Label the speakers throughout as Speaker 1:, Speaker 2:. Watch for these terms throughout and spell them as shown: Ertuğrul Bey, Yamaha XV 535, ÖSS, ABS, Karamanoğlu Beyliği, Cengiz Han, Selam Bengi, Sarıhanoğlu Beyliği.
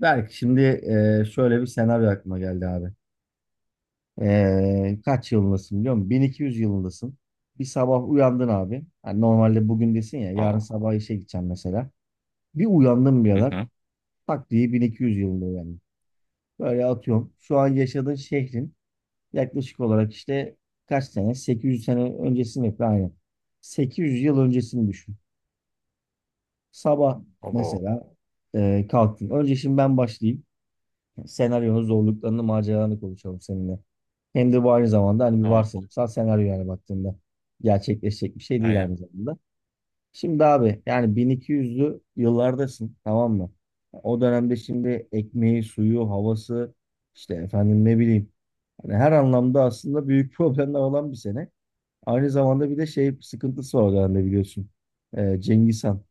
Speaker 1: Berk şimdi şöyle bir senaryo aklıma geldi abi. Kaç yılındasın biliyor musun? 1200 yılındasın. Bir sabah uyandın abi. Hani normalde bugün desin ya yarın
Speaker 2: Aa.
Speaker 1: sabah işe gideceğim mesela. Bir uyandın
Speaker 2: Hı
Speaker 1: birader.
Speaker 2: hı.
Speaker 1: Tak diye 1200 yılında uyandın. Böyle atıyorum. Şu an yaşadığın şehrin yaklaşık olarak işte kaç sene? 800 sene öncesini yapıyor aynen. 800 yıl öncesini düşün. Sabah
Speaker 2: Abo.
Speaker 1: mesela kalktın. Önce şimdi ben başlayayım. Senaryonun zorluklarını, maceralarını konuşalım seninle. Hem de bu aynı zamanda hani bir
Speaker 2: Tamam.
Speaker 1: varsayımsal senaryo yani baktığında gerçekleşecek bir şey değil
Speaker 2: Aynen.
Speaker 1: aynı zamanda. Şimdi abi yani 1200'lü yıllardasın, tamam mı? O dönemde şimdi ekmeği, suyu, havası işte efendim ne bileyim hani her anlamda aslında büyük problemler olan bir sene. Aynı zamanda bir de şey sıkıntısı var o dönemde biliyorsun. Cengiz Han.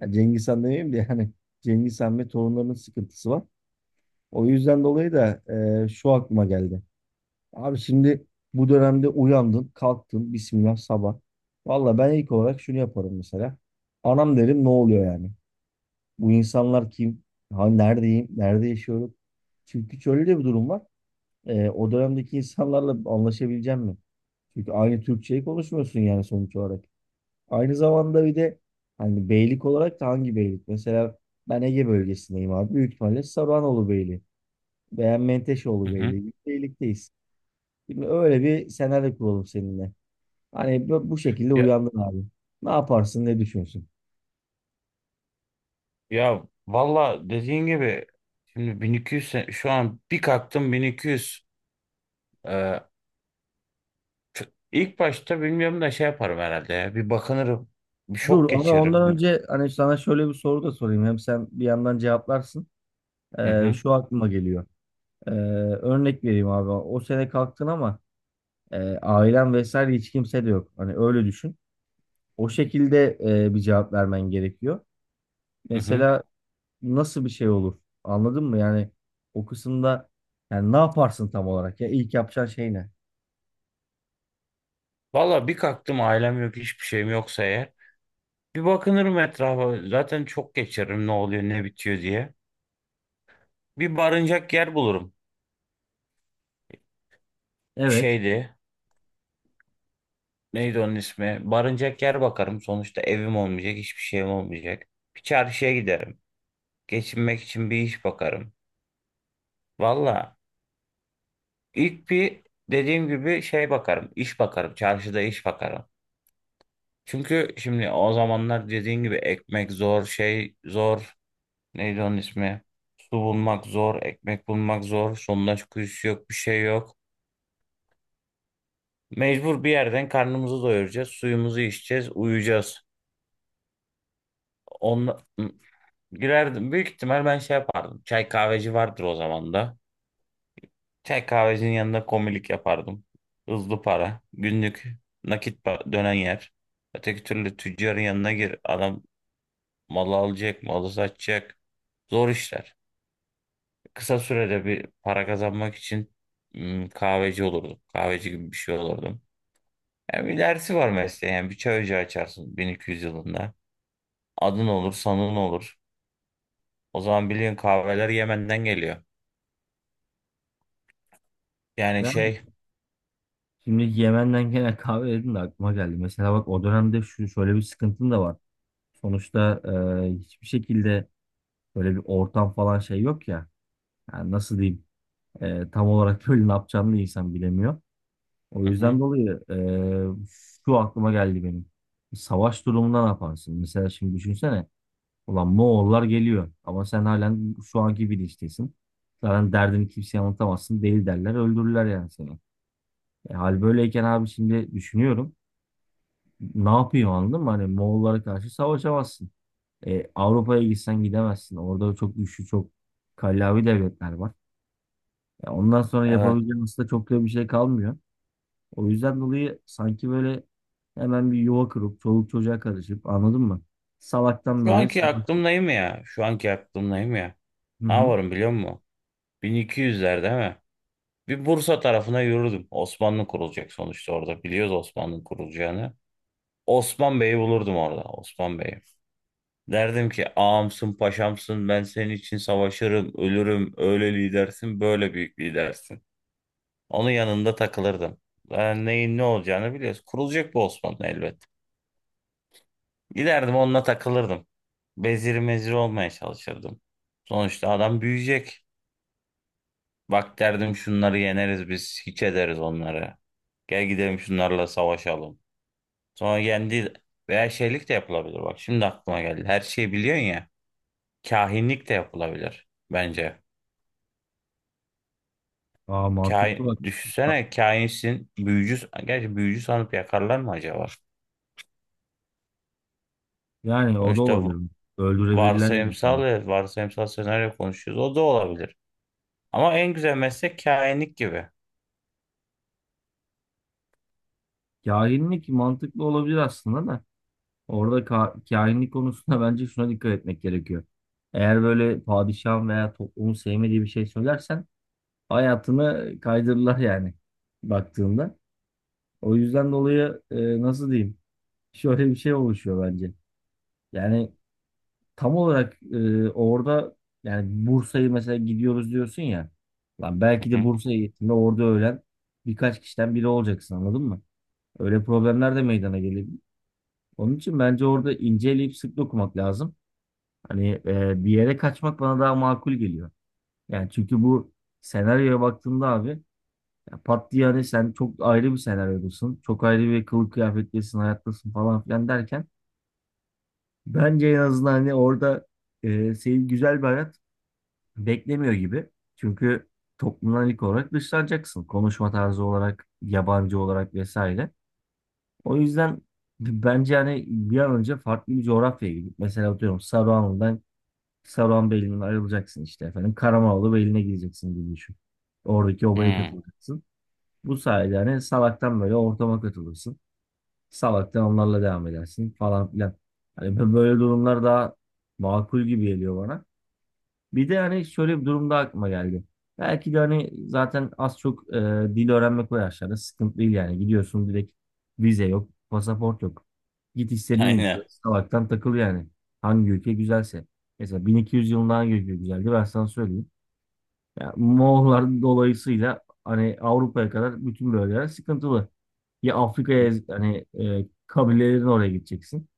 Speaker 1: Yani Cengiz Han demeyeyim de yani Cengiz Han ve torunlarının sıkıntısı var. O yüzden dolayı da şu aklıma geldi. Abi şimdi bu dönemde uyandın, kalktın, bismillah sabah. Valla ben ilk olarak şunu yaparım mesela. Anam derim, ne oluyor yani? Bu insanlar kim? Ha, neredeyim? Nerede yaşıyorum? Çünkü şöyle de bir durum var. O dönemdeki insanlarla anlaşabileceğim mi? Çünkü aynı Türkçeyi konuşmuyorsun yani sonuç olarak. Aynı zamanda bir de hani beylik olarak da hangi beylik? Mesela ben Ege bölgesindeyim abi. Büyük ihtimalle Sarıhanoğlu Beyliği. Beğen
Speaker 2: Hı
Speaker 1: Menteşoğlu Bey'le
Speaker 2: hı.
Speaker 1: birlikteyiz. Şimdi öyle bir senaryo kuralım seninle. Hani bu şekilde
Speaker 2: Ya,
Speaker 1: uyandın abi. Ne yaparsın, ne düşünsün?
Speaker 2: ya, valla dediğin gibi şimdi şu an bir kalktım 1200. Ee, ilk başta bilmiyorum da şey yaparım herhalde ya. Bir bakınırım. Bir
Speaker 1: Dur
Speaker 2: şok
Speaker 1: ama ondan
Speaker 2: geçiririm.
Speaker 1: önce hani sana şöyle bir soru da sorayım. Hem sen bir yandan cevaplarsın.
Speaker 2: Hı hı.
Speaker 1: Şu aklıma geliyor. Ee, Örnek vereyim abi. O sene kalktın ama ailen vesaire hiç kimse de yok. Hani öyle düşün. O şekilde bir cevap vermen gerekiyor.
Speaker 2: Hı hı.
Speaker 1: Mesela nasıl bir şey olur? Anladın mı? Yani o kısımda yani ne yaparsın tam olarak ya? İlk yapacağın şey ne?
Speaker 2: Valla bir kalktım ailem yok hiçbir şeyim yoksa eğer. Bir bakınırım etrafa. Zaten çok geçiririm ne oluyor ne bitiyor diye. Bir barınacak yer bulurum.
Speaker 1: Evet.
Speaker 2: Şeydi. Neydi onun ismi? Barınacak yer bakarım. Sonuçta evim olmayacak, hiçbir şeyim olmayacak. Bir çarşıya giderim. Geçinmek için bir iş bakarım. Valla ilk bir dediğim gibi şey bakarım. İş bakarım. Çarşıda iş bakarım. Çünkü şimdi o zamanlar dediğin gibi ekmek zor, şey zor. Neydi onun ismi? Su bulmak zor, ekmek bulmak zor. Sondaj kuyusu yok, bir şey yok. Mecbur bir yerden karnımızı doyuracağız, suyumuzu içeceğiz, uyuyacağız. Onla... Girerdim. Büyük ihtimal ben şey yapardım. Çay kahveci vardır o zaman da. Çay kahvecinin yanında komilik yapardım. Hızlı para. Günlük dönen yer. Öteki türlü tüccarın yanına gir. Adam malı alacak, malı satacak. Zor işler. Kısa sürede bir para kazanmak için kahveci olurdum. Kahveci gibi bir şey olurdum. Yani bir dersi var mesleğe. Yani bir çay ocağı açarsın 1200 yılında. Adın olur, sanın olur. O zaman biliyorsun kahveler Yemen'den geliyor. Yani
Speaker 1: Yani
Speaker 2: şey...
Speaker 1: şimdi Yemen'den gelen kahve dedim de aklıma geldi. Mesela bak o dönemde şu şöyle bir sıkıntın da var. Sonuçta hiçbir şekilde böyle bir ortam falan şey yok ya. Yani nasıl diyeyim? Tam olarak böyle ne yapacağını da insan bilemiyor. O
Speaker 2: Hı hı.
Speaker 1: yüzden dolayı şu aklıma geldi benim. Savaş durumunda ne yaparsın? Mesela şimdi düşünsene. Ulan Moğollar geliyor ama sen halen şu anki bilinçtesin. Zaten derdini kimseye anlatamazsın. Değil derler öldürürler yani seni. Hal böyleyken abi şimdi düşünüyorum. Ne yapıyor anladın mı? Hani Moğollara karşı savaşamazsın. Avrupa'ya gitsen gidemezsin. Orada çok güçlü, çok kallavi devletler var. Ondan sonra
Speaker 2: Evet.
Speaker 1: yapabileceğin aslında çok da bir şey kalmıyor. O yüzden dolayı sanki böyle hemen bir yuva kurup çoluk çocuğa karışıp anladın mı? Salaktan
Speaker 2: Şu
Speaker 1: böyle
Speaker 2: anki
Speaker 1: savaş-
Speaker 2: aklımdayım ya. Şu anki aklımdayım ya.
Speaker 1: Hı
Speaker 2: Ne
Speaker 1: hı.
Speaker 2: yaparım biliyor musun? 1200'ler değil mi? Bir Bursa tarafına yürürdüm. Osmanlı kurulacak sonuçta orada. Biliyoruz Osmanlı'nın kurulacağını. Osman Bey'i bulurdum orada. Osman Bey'i. Derdim ki ağamsın paşamsın ben senin için savaşırım ölürüm öyle lidersin böyle büyük lidersin. Onun yanında takılırdım. Ben neyin ne olacağını biliyoruz. Kurulacak bu Osmanlı elbet. Giderdim onunla takılırdım. Bezir mezir olmaya çalışırdım. Sonuçta adam büyüyecek. Bak derdim şunları yeneriz biz. Hiç ederiz onları. Gel gidelim şunlarla savaşalım. Sonra yendi veya şeylik de yapılabilir. Bak şimdi aklıma geldi. Her şeyi biliyorsun ya. Kahinlik de yapılabilir bence.
Speaker 1: Aa, mantıklı
Speaker 2: Kahin,
Speaker 1: bak.
Speaker 2: düşünsene kahinsin. Büyücü, gerçi büyücü sanıp yakarlar mı acaba?
Speaker 1: Yani o da
Speaker 2: Sonuçta v-
Speaker 1: olabilir. Öldürebilirler yani seni.
Speaker 2: Varsayımsal, ya, varsayımsal senaryo konuşuyoruz. O da olabilir. Ama en güzel meslek kahinlik gibi.
Speaker 1: Kahinlik mantıklı olabilir aslında da. Orada kahinlik konusunda bence şuna dikkat etmek gerekiyor. Eğer böyle padişahın veya toplumun sevmediği bir şey söylersen hayatını kaydırırlar yani baktığında. O yüzden dolayı nasıl diyeyim? Şöyle bir şey oluşuyor bence. Yani tam olarak orada yani Bursa'yı mesela gidiyoruz diyorsun ya. Lan belki de
Speaker 2: Hı?
Speaker 1: Bursa'ya gittiğinde orada ölen birkaç kişiden biri olacaksın anladın mı? Öyle problemler de meydana gelebilir. Onun için bence orada inceleyip sık dokumak lazım. Hani bir yere kaçmak bana daha makul geliyor. Yani çünkü bu senaryoya baktığımda abi ya pat diye hani sen çok ayrı bir senaryodasın. Çok ayrı bir kılık kıyafetlisin, hayattasın falan filan derken bence en azından hani orada seni güzel bir hayat beklemiyor gibi. Çünkü toplumdan ilk olarak dışlanacaksın. Konuşma tarzı olarak, yabancı olarak vesaire. O yüzden bence hani bir an önce farklı bir coğrafyaya gidip mesela atıyorum Saruhanbeyli'nden ayrılacaksın işte efendim. Karamanoğlu Beyliği'ne gideceksin gibi düşün. Oradaki obaya
Speaker 2: Hı.
Speaker 1: katılacaksın. Bu sayede hani salaktan böyle ortama katılırsın. Salaktan onlarla devam edersin falan filan. Hani böyle durumlar daha makul gibi geliyor bana. Bir de hani şöyle bir durumda aklıma geldi. Belki de hani zaten az çok dil öğrenmek o yaşlarda sıkıntı değil yani. Gidiyorsun direkt, vize yok, pasaport yok. Git istediğin ülke,
Speaker 2: Aynen.
Speaker 1: salaktan takıl yani. Hangi ülke güzelse. Mesela 1200 yılında hangi ülke güzeldi ben sana söyleyeyim. Ya Moğollar dolayısıyla hani Avrupa'ya kadar bütün bölgeler sıkıntılı. Ya
Speaker 2: Hı.
Speaker 1: Afrika'ya hani kabilelerin oraya gideceksin.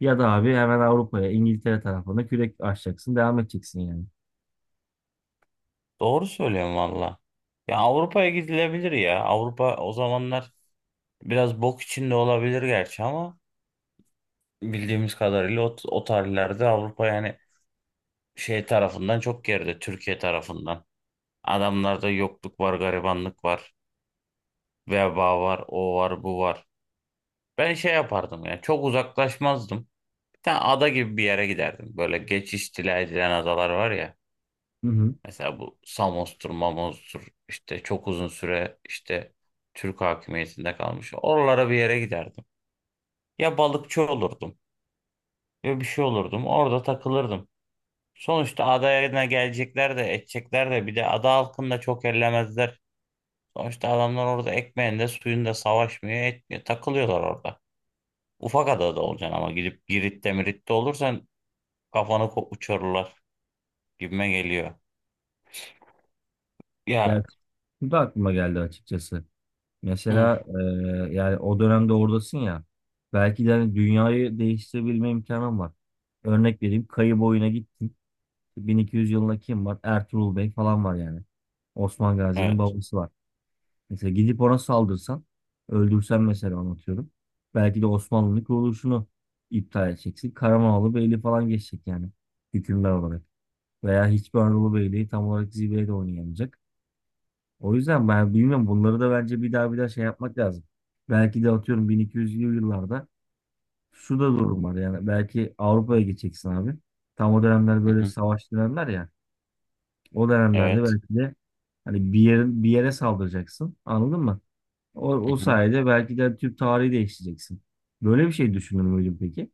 Speaker 1: Ya da abi hemen Avrupa'ya, İngiltere tarafına kürek açacaksın, devam edeceksin yani.
Speaker 2: Doğru söylüyorum valla. Ya Avrupa'ya gidilebilir ya. Avrupa o zamanlar biraz bok içinde olabilir gerçi ama bildiğimiz kadarıyla o tarihlerde Avrupa yani şey tarafından çok geride. Türkiye tarafından. Adamlarda yokluk var, garibanlık var, veba var, o var, bu var. Ben şey yapardım ya. Çok uzaklaşmazdım. Bir tane ada gibi bir yere giderdim. Böyle geçiş istila edilen adalar var ya.
Speaker 1: Hı hı.
Speaker 2: Mesela bu Samos'tur, Mamos'tur işte çok uzun süre işte Türk hakimiyetinde kalmış. Oralara bir yere giderdim. Ya balıkçı olurdum ya bir şey olurdum. Orada takılırdım. Sonuçta adaya gelecekler de edecekler de bir de ada halkını da çok ellemezler. Sonuçta adamlar orada ekmeğinde suyunda savaşmıyor etmiyor. Takılıyorlar orada. Ufak adada olacaksın ama gidip Girit'te Mirit'te olursan uçururlar gibime geliyor.
Speaker 1: Ya,
Speaker 2: Ya
Speaker 1: bu da aklıma geldi açıkçası.
Speaker 2: hı,
Speaker 1: Mesela yani o dönemde oradasın ya. Belki de hani dünyayı değiştirebilme imkanım var. Örnek vereyim, Kayı Boyu'na gittim. 1200 yılında kim var? Ertuğrul Bey falan var yani. Osman Gazi'nin
Speaker 2: evet.
Speaker 1: babası var. Mesela gidip ona saldırsan, öldürsen mesela, anlatıyorum. Belki de Osmanlı'nın kuruluşunu iptal edeceksin. Karamanoğlu Beyliği falan geçecek yani hükümdar olarak. Veya hiçbir Anadolu Beyliği tam olarak zirveye de oynayamayacak. O yüzden ben bilmiyorum bunları da bence bir daha şey yapmak lazım. Belki de atıyorum 1200'lü yıllarda şu da durum var yani belki Avrupa'ya gideceksin abi. Tam o dönemler
Speaker 2: Hı
Speaker 1: böyle
Speaker 2: hı,
Speaker 1: savaş dönemler ya. O dönemlerde
Speaker 2: evet.
Speaker 1: belki de hani bir yerin bir yere saldıracaksın. Anladın mı? O sayede belki de Türk tarihi değiştireceksin. Böyle bir şey düşünür müydün peki?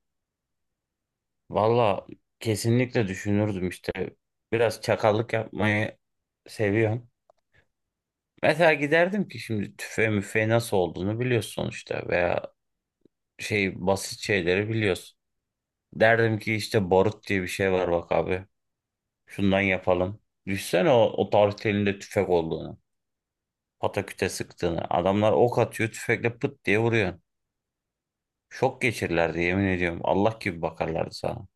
Speaker 2: Valla kesinlikle düşünürdüm işte. Biraz çakallık yapmayı seviyorum. Mesela giderdim ki şimdi tüfe müfe nasıl olduğunu biliyorsun sonuçta veya şey basit şeyleri biliyorsun. Derdim ki işte barut diye bir şey var bak abi. Şundan yapalım. Düşsene o tarihte elinde tüfek olduğunu. Pataküte sıktığını. Adamlar ok atıyor tüfekle pıt diye vuruyor. Şok geçirirlerdi yemin ediyorum. Allah gibi bakarlardı sana.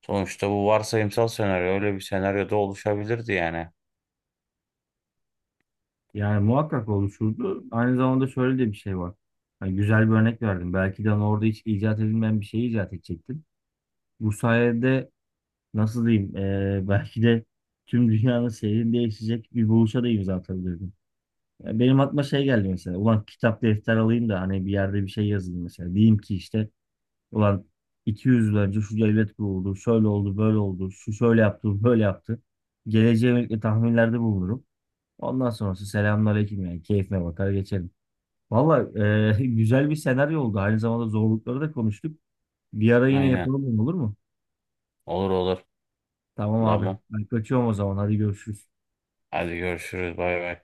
Speaker 2: Sonuçta bu varsayımsal senaryo öyle bir senaryoda oluşabilirdi yani.
Speaker 1: Yani muhakkak oluşurdu. Aynı zamanda şöyle de bir şey var. Hani güzel bir örnek verdim. Belki de hani orada hiç icat edilmeyen bir şey icat edecektin. Bu sayede nasıl diyeyim, belki de tüm dünyanın seyrini değişecek bir buluşa da imza atabilirdim. Ya benim aklıma şey geldi mesela. Ulan kitap defter alayım da hani bir yerde bir şey yazayım mesela. Diyeyim ki işte ulan 200 yıl önce şu devlet kuruldu, şöyle oldu, böyle oldu, şu şöyle yaptı, bu böyle yaptı. Geleceğe yönelik de tahminlerde bulunurum. Ondan sonrası selamünaleyküm yani keyfime bakar geçerim. Valla güzel bir senaryo oldu. Aynı zamanda zorlukları da konuştuk. Bir ara yine
Speaker 2: Aynen.
Speaker 1: yapalım, olur mu?
Speaker 2: Olur olur.
Speaker 1: Tamam abi.
Speaker 2: Tamam.
Speaker 1: Ben kaçıyorum o zaman. Hadi görüşürüz.
Speaker 2: Hadi görüşürüz. Bay bay.